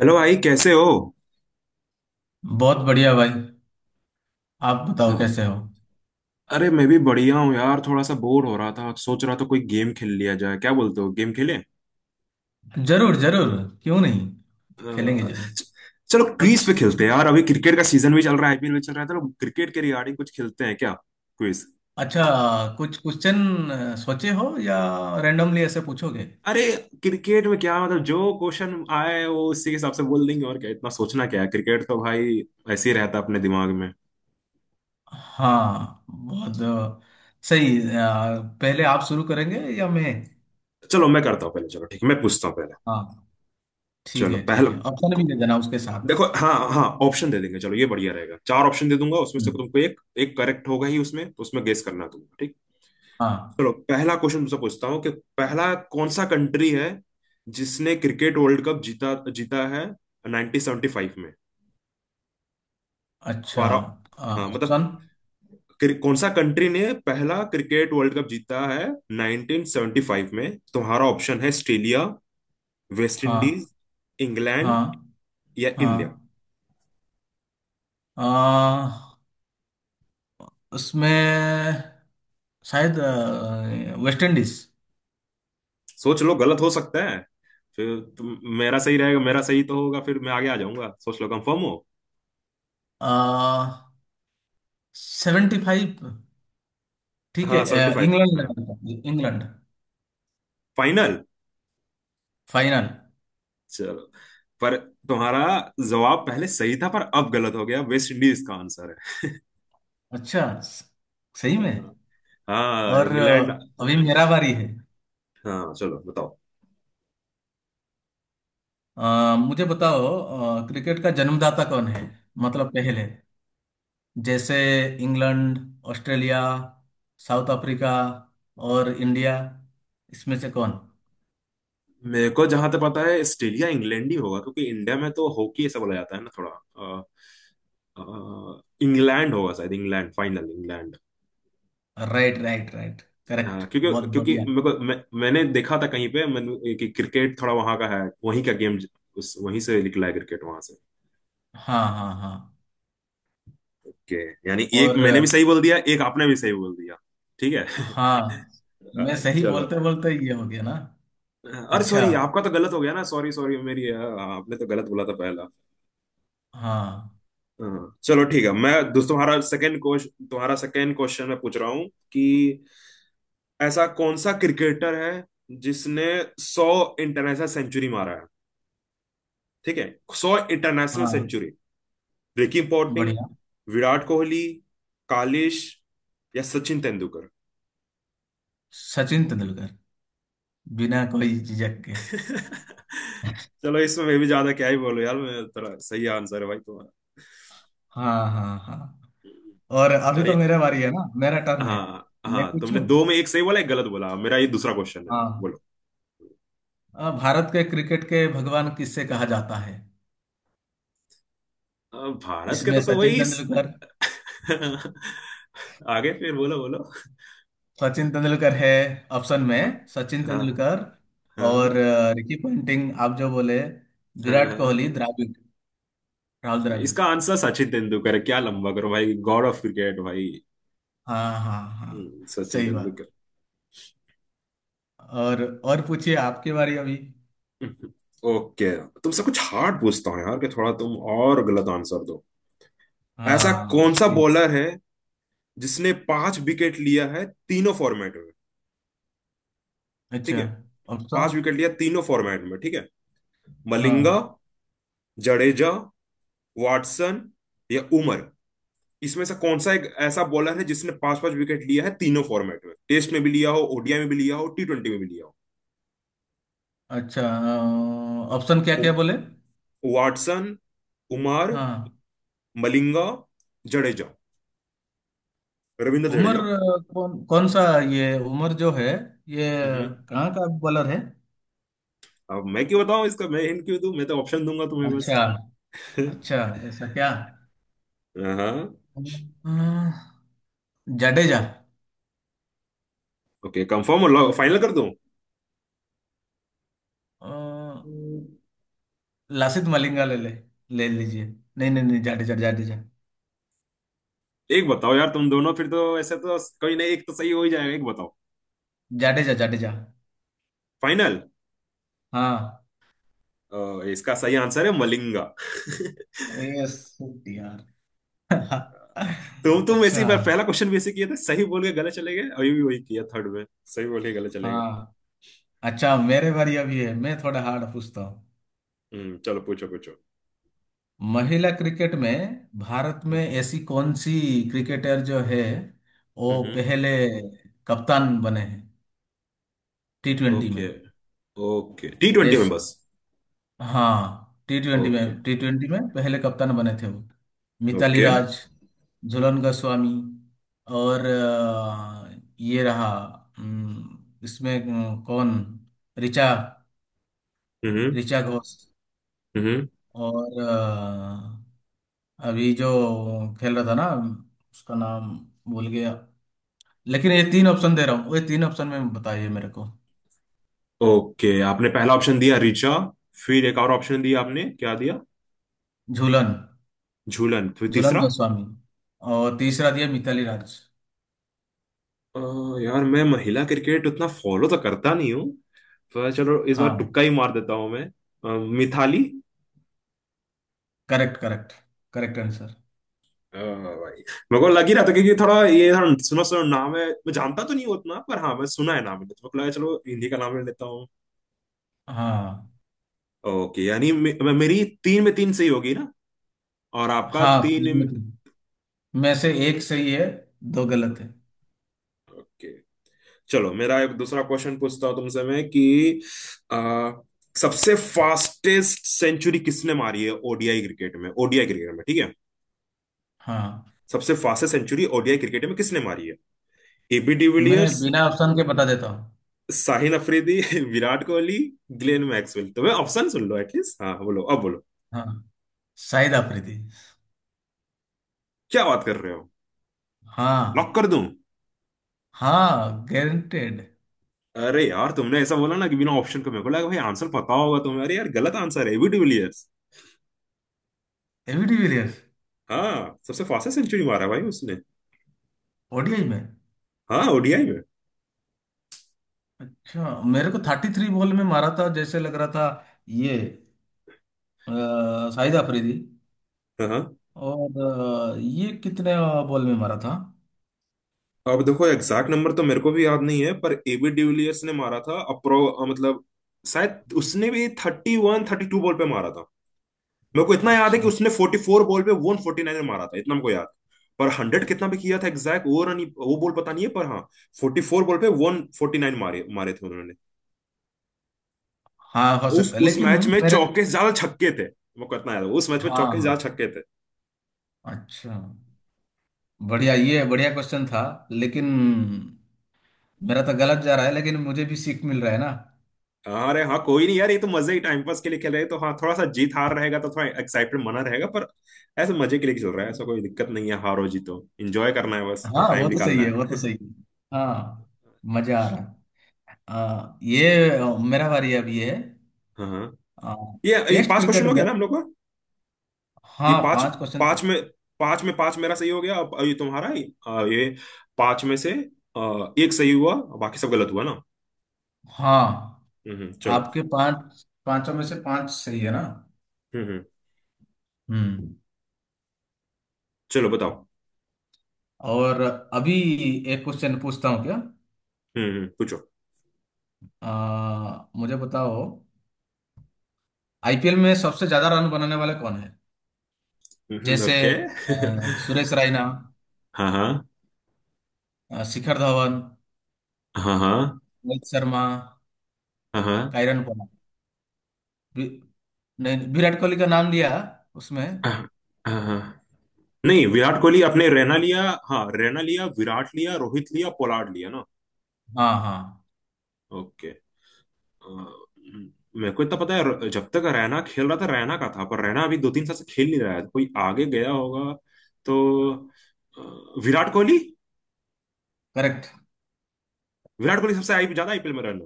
Hello भाई कैसे हो। बहुत बढ़िया भाई। आप बताओ हाँ, कैसे हो। अरे मैं भी बढ़िया हूँ यार, थोड़ा सा बोर हो रहा था। सोच रहा था कोई गेम खेल लिया जाए, क्या बोलते हो, गेम खेलें? जरूर जरूर, क्यों नहीं। खेलेंगे अ, जरूर। च- चलो क्विज कुछ पे खेलते हैं यार। अभी क्रिकेट का सीजन भी चल रहा है, आईपीएल भी चल रहा है। चलो क्रिकेट के रिगार्डिंग कुछ खेलते हैं क्या? क्विज। अच्छा। कुछ क्वेश्चन सोचे हो या रैंडमली ऐसे पूछोगे? अरे क्रिकेट में क्या, मतलब जो क्वेश्चन आए वो उसी के हिसाब से बोल देंगे, और क्या इतना सोचना क्या है, क्रिकेट तो भाई ऐसे ही रहता है अपने दिमाग में। हाँ बहुत सही। पहले आप शुरू करेंगे या मैं? चलो मैं करता हूँ पहले, चलो ठीक है, मैं पूछता हूँ पहले। हाँ ठीक चलो है पहला। ठीक है, ऑप्शन भी दे देना उसके साथ। देखो हाँ हाँ, ऑप्शन दे देंगे, चलो ये बढ़िया रहेगा, 4 ऑप्शन दे दूंगा उसमें से हम्म, तुमको एक, एक करेक्ट होगा ही उसमें तो, उसमें गेस करना है तुमको, ठीक। हाँ। चलो पहला क्वेश्चन तुमसे पूछता हूँ कि पहला कौन सा कंट्री है जिसने क्रिकेट वर्ल्ड कप जीता जीता है 1975 में। अच्छा। 12 अ, हाँ ऑप्शन। मतलब कौन सा कंट्री ने पहला क्रिकेट वर्ल्ड कप जीता है 1975 में। तुम्हारा ऑप्शन है ऑस्ट्रेलिया, वेस्ट इंडीज, हाँ इंग्लैंड हाँ या इंडिया। हाँ। अ, उसमें शायद वेस्ट इंडीज। सोच लो गलत हो सकता है, फिर तुम, मेरा सही रहेगा, मेरा सही तो होगा, फिर मैं आगे आ जाऊंगा। सोच लो कंफर्म हो। आ, 75 ठीक है। हाँ सेवेंटी फाइव इंग्लैंड ने हाँ, हारा था, इंग्लैंड। फाइनल। फाइनल। चलो, पर तुम्हारा जवाब पहले सही था, पर अब गलत हो गया, वेस्ट इंडीज का आंसर अच्छा। सही में? है। हाँ, और इंग्लैंड। अभी मेरा बारी है। हाँ चलो बताओ। मुझे बताओ, क्रिकेट का जन्मदाता कौन है? मतलब पहले। जैसे इंग्लैंड, ऑस्ट्रेलिया, साउथ अफ्रीका और इंडिया। इसमें से कौन? मेरे को जहां तक पता है ऑस्ट्रेलिया इंग्लैंड ही होगा, क्योंकि इंडिया में तो हॉकी ऐसा बोला जाता है ना थोड़ा। अ, इंग्लैंड होगा शायद, England, final England. Right right right, correct हाँ बहुत क्योंकि क्योंकि बढ़िया। मेरे को, मैंने देखा था कहीं पे मैंने कि क्रिकेट थोड़ा वहां का है, वहीं का गेम, उस वहीं से निकला है क्रिकेट वहां से। हाँ हाँ हाँ। ओके, यानी एक और मैंने भी सही बोल दिया एक आपने भी सही बोल दिया। ठीक है। हाँ, मैं अ, सही चलो। बोलते बोलते ये हो गया ना। अरे अच्छा। सॉरी आपका तो गलत हो गया ना, सॉरी सॉरी, मेरी, आपने तो गलत बोला था पहला। हाँ हाँ, चलो ठीक है। मैं दोस्तों तुम्हारा सेकंड क्वेश्चन मैं पूछ रहा हूँ कि ऐसा कौन सा क्रिकेटर है जिसने 100 इंटरनेशनल सेंचुरी मारा है, ठीक है, सौ इंटरनेशनल हाँ। सेंचुरी रिकी पोंटिंग, बढ़िया। विराट कोहली, कालिश या सचिन तेंदुलकर। सचिन तेंदुलकर, बिना कोई झिझक के। चलो इसमें मैं भी ज्यादा क्या ही बोलूं यार, मैं थोड़ा, सही आंसर है भाई तुम्हारा। हाँ हाँ हाँ। और अभी तो चलिए। मेरा बारी है ना, मेरा टर्न है। हाँ मैं हाँ तुमने पूछूं? दो में एक सही बोला एक गलत बोला। मेरा ये दूसरा क्वेश्चन है, हाँ हाँ। बोलो। भारत के क्रिकेट के भगवान किससे कहा जाता है? अब भारत के इसमें तो सचिन वही इस… तेंदुलकर। आगे फिर बोलो, बोलो। सचिन तेंदुलकर है, ऑप्शन हाँ में सचिन हाँ, तेंदुलकर। और हाँ, रिकी पंटिंग आप जो बोले, हाँ विराट हाँ। कोहली, द्राविड, राहुल इसका द्राविड। आंसर सचिन तेंदुलकर है क्या, लंबा करो भाई, गॉड ऑफ क्रिकेट भाई। हाँ हाँ हाँ। सचिन सही बात। तेंदुलकर। और पूछिए, आपकी बारी अभी। हम्म, ओके। तुमसे कुछ हार्ड पूछता हूँ यार कि थोड़ा तुम और गलत आंसर दो। ऐसा हाँ। कौन सा सही। बॉलर है जिसने 5 विकेट लिया है तीनों फॉर्मेट में, ठीक अच्छा। है, पांच ऑप्शन? विकेट लिया तीनों फॉर्मेट में, ठीक है। मलिंगा, हाँ। जडेजा, वाटसन या उमर। इसमें से कौन सा एक ऐसा बॉलर है जिसने पांच पांच विकेट लिया है तीनों फॉर्मेट में? टेस्ट में भी लिया हो, ओडीआई में भी लिया हो, T20 में भी लिया हो। अच्छा, ऑप्शन क्या क्या उ- बोले? वाटसन, उमर, हाँ। मलिंगा, जडेजा, रविंद्र उमर जडेजा। कौन कौन सा? ये उमर जो है, ये हम्म। कहाँ का बॉलर है? अब मैं क्यों बताऊं इसका, मैं हिंट क्यों दूं, मैं तो ऑप्शन दूंगा तुम्हें बस। अच्छा। अच्छा, ऐसा क्या? हाँ अ, जाडेजा। ओके, कंफर्म हो, फाइनल कर दूं? अ, हम्म, लासित मलिंगा ले ले, ले लीजिए। नहीं नहीं नहीं, जाडेजा जाडेजा। एक बताओ यार तुम दोनों, फिर तो ऐसे तो कोई नहीं, एक तो सही हो ही जाएगा, एक बताओ। जाडेजा जाडेजा। फाइनल? हाँ। इसका सही आंसर है मलिंगा। यस यार। तुम अच्छा। ऐसी बार पहला क्वेश्चन भी ऐसे किए थे, सही बोल के गले चले गए, अभी भी वही किया थर्ड में, सही बोल के गले चले गए। हाँ। अच्छा, मेरे बारी अभी है। मैं थोड़ा हार्ड पूछता हूँ। हम्म, चलो पूछो पूछो। महिला क्रिकेट में भारत में हम्म ऐसी कौन सी क्रिकेटर जो है, वो हम्म। पहले कप्तान बने हैं T20 में? ओके, ओके T20 में जैसे, बस। हाँ टी ट्वेंटी ओके, में, टी ट्वेंटी में पहले कप्तान बने थे वो। मिताली ओके। राज, झूलन गोस्वामी, और ये रहा। अम, इसमें कौन? ऋचा, हम्म ऋचा घोष। हम्म। और अभी जो खेल रहा था ना, उसका नाम भूल गया। लेकिन ये तीन ऑप्शन दे रहा हूँ, ये तीन ऑप्शन में बताइए मेरे को। ओके, आपने पहला ऑप्शन दिया रिचा, फिर एक और ऑप्शन दिया, आपने क्या दिया? झूलन, झूलन, फिर झूलन तीसरा। गोस्वामी, और तीसरा दिया मिताली राज। अ, यार मैं महिला क्रिकेट उतना फॉलो तो करता नहीं हूँ, पर चलो इस बार हाँ, तुक्का ही मार देता हूँ मैं। Mithali. Correct correct, correct answer. भाई मेरे को लग ही रहा था, क्योंकि थोड़ा ये थोड़ा सुना सुना नाम है, मैं जानता तो नहीं हूँ उतना, पर हाँ मैं सुना है नाम है, तो मेरे को लगा चलो हिंदी का नाम ले लेता हूँ। हाँ। ओके, यानी मे, मे- मेरी तीन में तीन सही होगी ना, और आपका हाँ तीन तीन में में-। तीन में से एक सही है, दो गलत है। ओके, चलो मेरा एक दूसरा क्वेश्चन पूछता हूँ तुमसे मैं कि आ, सबसे फास्टेस्ट सेंचुरी किसने मारी है ओडीआई क्रिकेट में, ओडीआई क्रिकेट में, ठीक है। हाँ। सबसे फास्टेस्ट सेंचुरी ओडीआई क्रिकेट में किसने मारी है? एबी मैं डिविलियर्स, बिना ऑप्शन के बता देता हूँ। Sahil Afridi, Virat Kohli, Glenn Maxwell. तो मैं, ऑप्शन सुन लो एटलीस्ट, हाँ बोलो, अब बोलो। हाँ, शाहिद आफरीदी। क्या बात कर रहे हो, लॉक हाँ, कर दूं? हाँ गारंटेड। अरे यार तुमने ऐसा बोला ना कि बिना ऑप्शन को, मेरे को लगा भाई आंसर पता होगा तुम्हें, अरे यार गलत आंसर है, एबी डिविलियर्स। AB de Villiers? हाँ सबसे फास्टेस्ट सेंचुरी मारा है भाई उसने। ओडीआई में? हाँ ओडीआई में। अच्छा, मेरे को 33 बॉल में मारा था जैसे लग रहा था ये अ, शाहिद अफरीदी। हाँ हाँ। और ये कितने बॉल में मारा था? अब देखो एग्जैक्ट नंबर तो मेरे को भी याद नहीं है, पर एबी डिविलियर्स ने मारा था, मतलब शायद उसने भी 31-32 बॉल पे मारा था। मेरे को इतना याद है कि अच्छा। उसने 44 बॉल पे 149 मारा था, इतना मेरे को याद है। पर 100 कितना भी किया था एग्जैक्ट, वो रन वो बॉल पता नहीं है, पर हाँ 44 बॉल पे वन फोर्टी नाइन मारे मारे थे उन्होंने। हाँ हो उस सकता है, उस लेकिन मैच में मेरे। चौके से ज्यादा छक्के थे। मेरे को इतना याद है उस मैच में चौके से ज्यादा हाँ। छक्के थे। अच्छा। बढ़िया, ये बढ़िया क्वेश्चन था। लेकिन मेरा तो गलत जा रहा है, लेकिन मुझे भी सीख मिल रहा है ना। हाँ अरे हाँ कोई नहीं यार, ये तो मजे ही टाइम पास के लिए खेल रहे हैं, तो हाँ थोड़ा सा जीत हार रहेगा तो थोड़ा एक्साइटमेंट बना रहेगा, पर ऐसे मजे के लिए खेल रहा है, ऐसा कोई दिक्कत नहीं है, हार हो जीतो एंजॉय करना है बस और हाँ टाइम वो तो निकालना सही है, वो है। तो सही है। हाँ, मजा आ रहा है। ये मेरा बारी अभी है। हाँ हाँ। आ, ये टेस्ट पांच क्रिकेट क्वेश्चन हो गया में। ना हम लोग का, ये हाँ, पांच, पांच क्वेश्चन। पांच में पांच में पांच मेरा सही हो गया, अब ये तुम्हारा ही, ये 5 में से एक सही हुआ और बाकी सब गलत हुआ ना। हाँ, चलो। आपके पांच, पांचों में से पांच सही है ना? हम्म, हम्म। चलो बताओ। और अभी एक क्वेश्चन पूछता हूँ क्या? हम्म, पूछो। मुझे बताओ, आईपीएल में सबसे ज्यादा रन बनाने वाले कौन है? जैसे, ओके। सुरेश रायना, हाँ हाँ, शिखर धवन, हाँ हाँ, रोहित शर्मा, हाँ हाँ, कायरन पोला, वि- नहीं, विराट कोहली का नाम लिया उसमें। हाँ हाँ। नहीं विराट कोहली, अपने रैना लिया, हाँ रैना लिया विराट लिया रोहित लिया पोलार्ड लिया ना। हाँ हाँ। ओके। अ, मेरे को इतना पता है, जब तक रैना खेल रहा था रैना का था, पर रैना अभी 2-3 साल से खेल नहीं रहा है, कोई आगे गया होगा, तो विराट कोहली। करेक्ट। विराट कोहली सबसे आई ज्यादा आईपीएल में रन।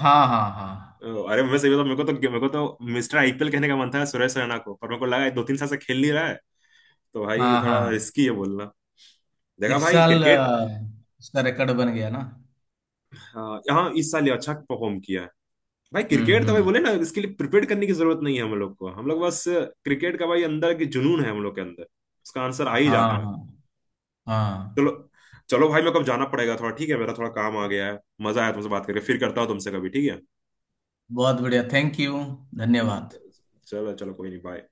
हाँ हाँ हाँ। अरे मैं सही बताऊं, मेरे को तो मिस्टर आईपीएल कहने का मन था सुरेश रैना को, पर मेरे को लगा है 2-3 साल से खेल नहीं रहा है, तो भाई हाँ थोड़ा हाँ। रिस्की है बोलना। देखा इस भाई साल क्रिकेट, उसका रिकॉर्ड बन गया ना। अ, यहाँ इस साल ये अच्छा परफॉर्म किया। भाई क्रिकेट तो भाई हम्म। बोले ना, इसके लिए प्रिपेयर करने की जरूरत नहीं है हम लोग को, हम लोग बस क्रिकेट का भाई अंदर की जुनून है हम लोग के अंदर, उसका आंसर आ ही हाँ जाता है। हाँ हाँ। चलो। चलो भाई मेरे को अब जाना पड़ेगा थोड़ा, ठीक है, मेरा थोड़ा काम आ गया है। मजा आया तुमसे बात करके, फिर करता हूँ तुमसे कभी, ठीक है। बहुत बढ़िया, थैंक यू। हम्म, धन्यवाद। चलो चलो कोई नहीं, बाय।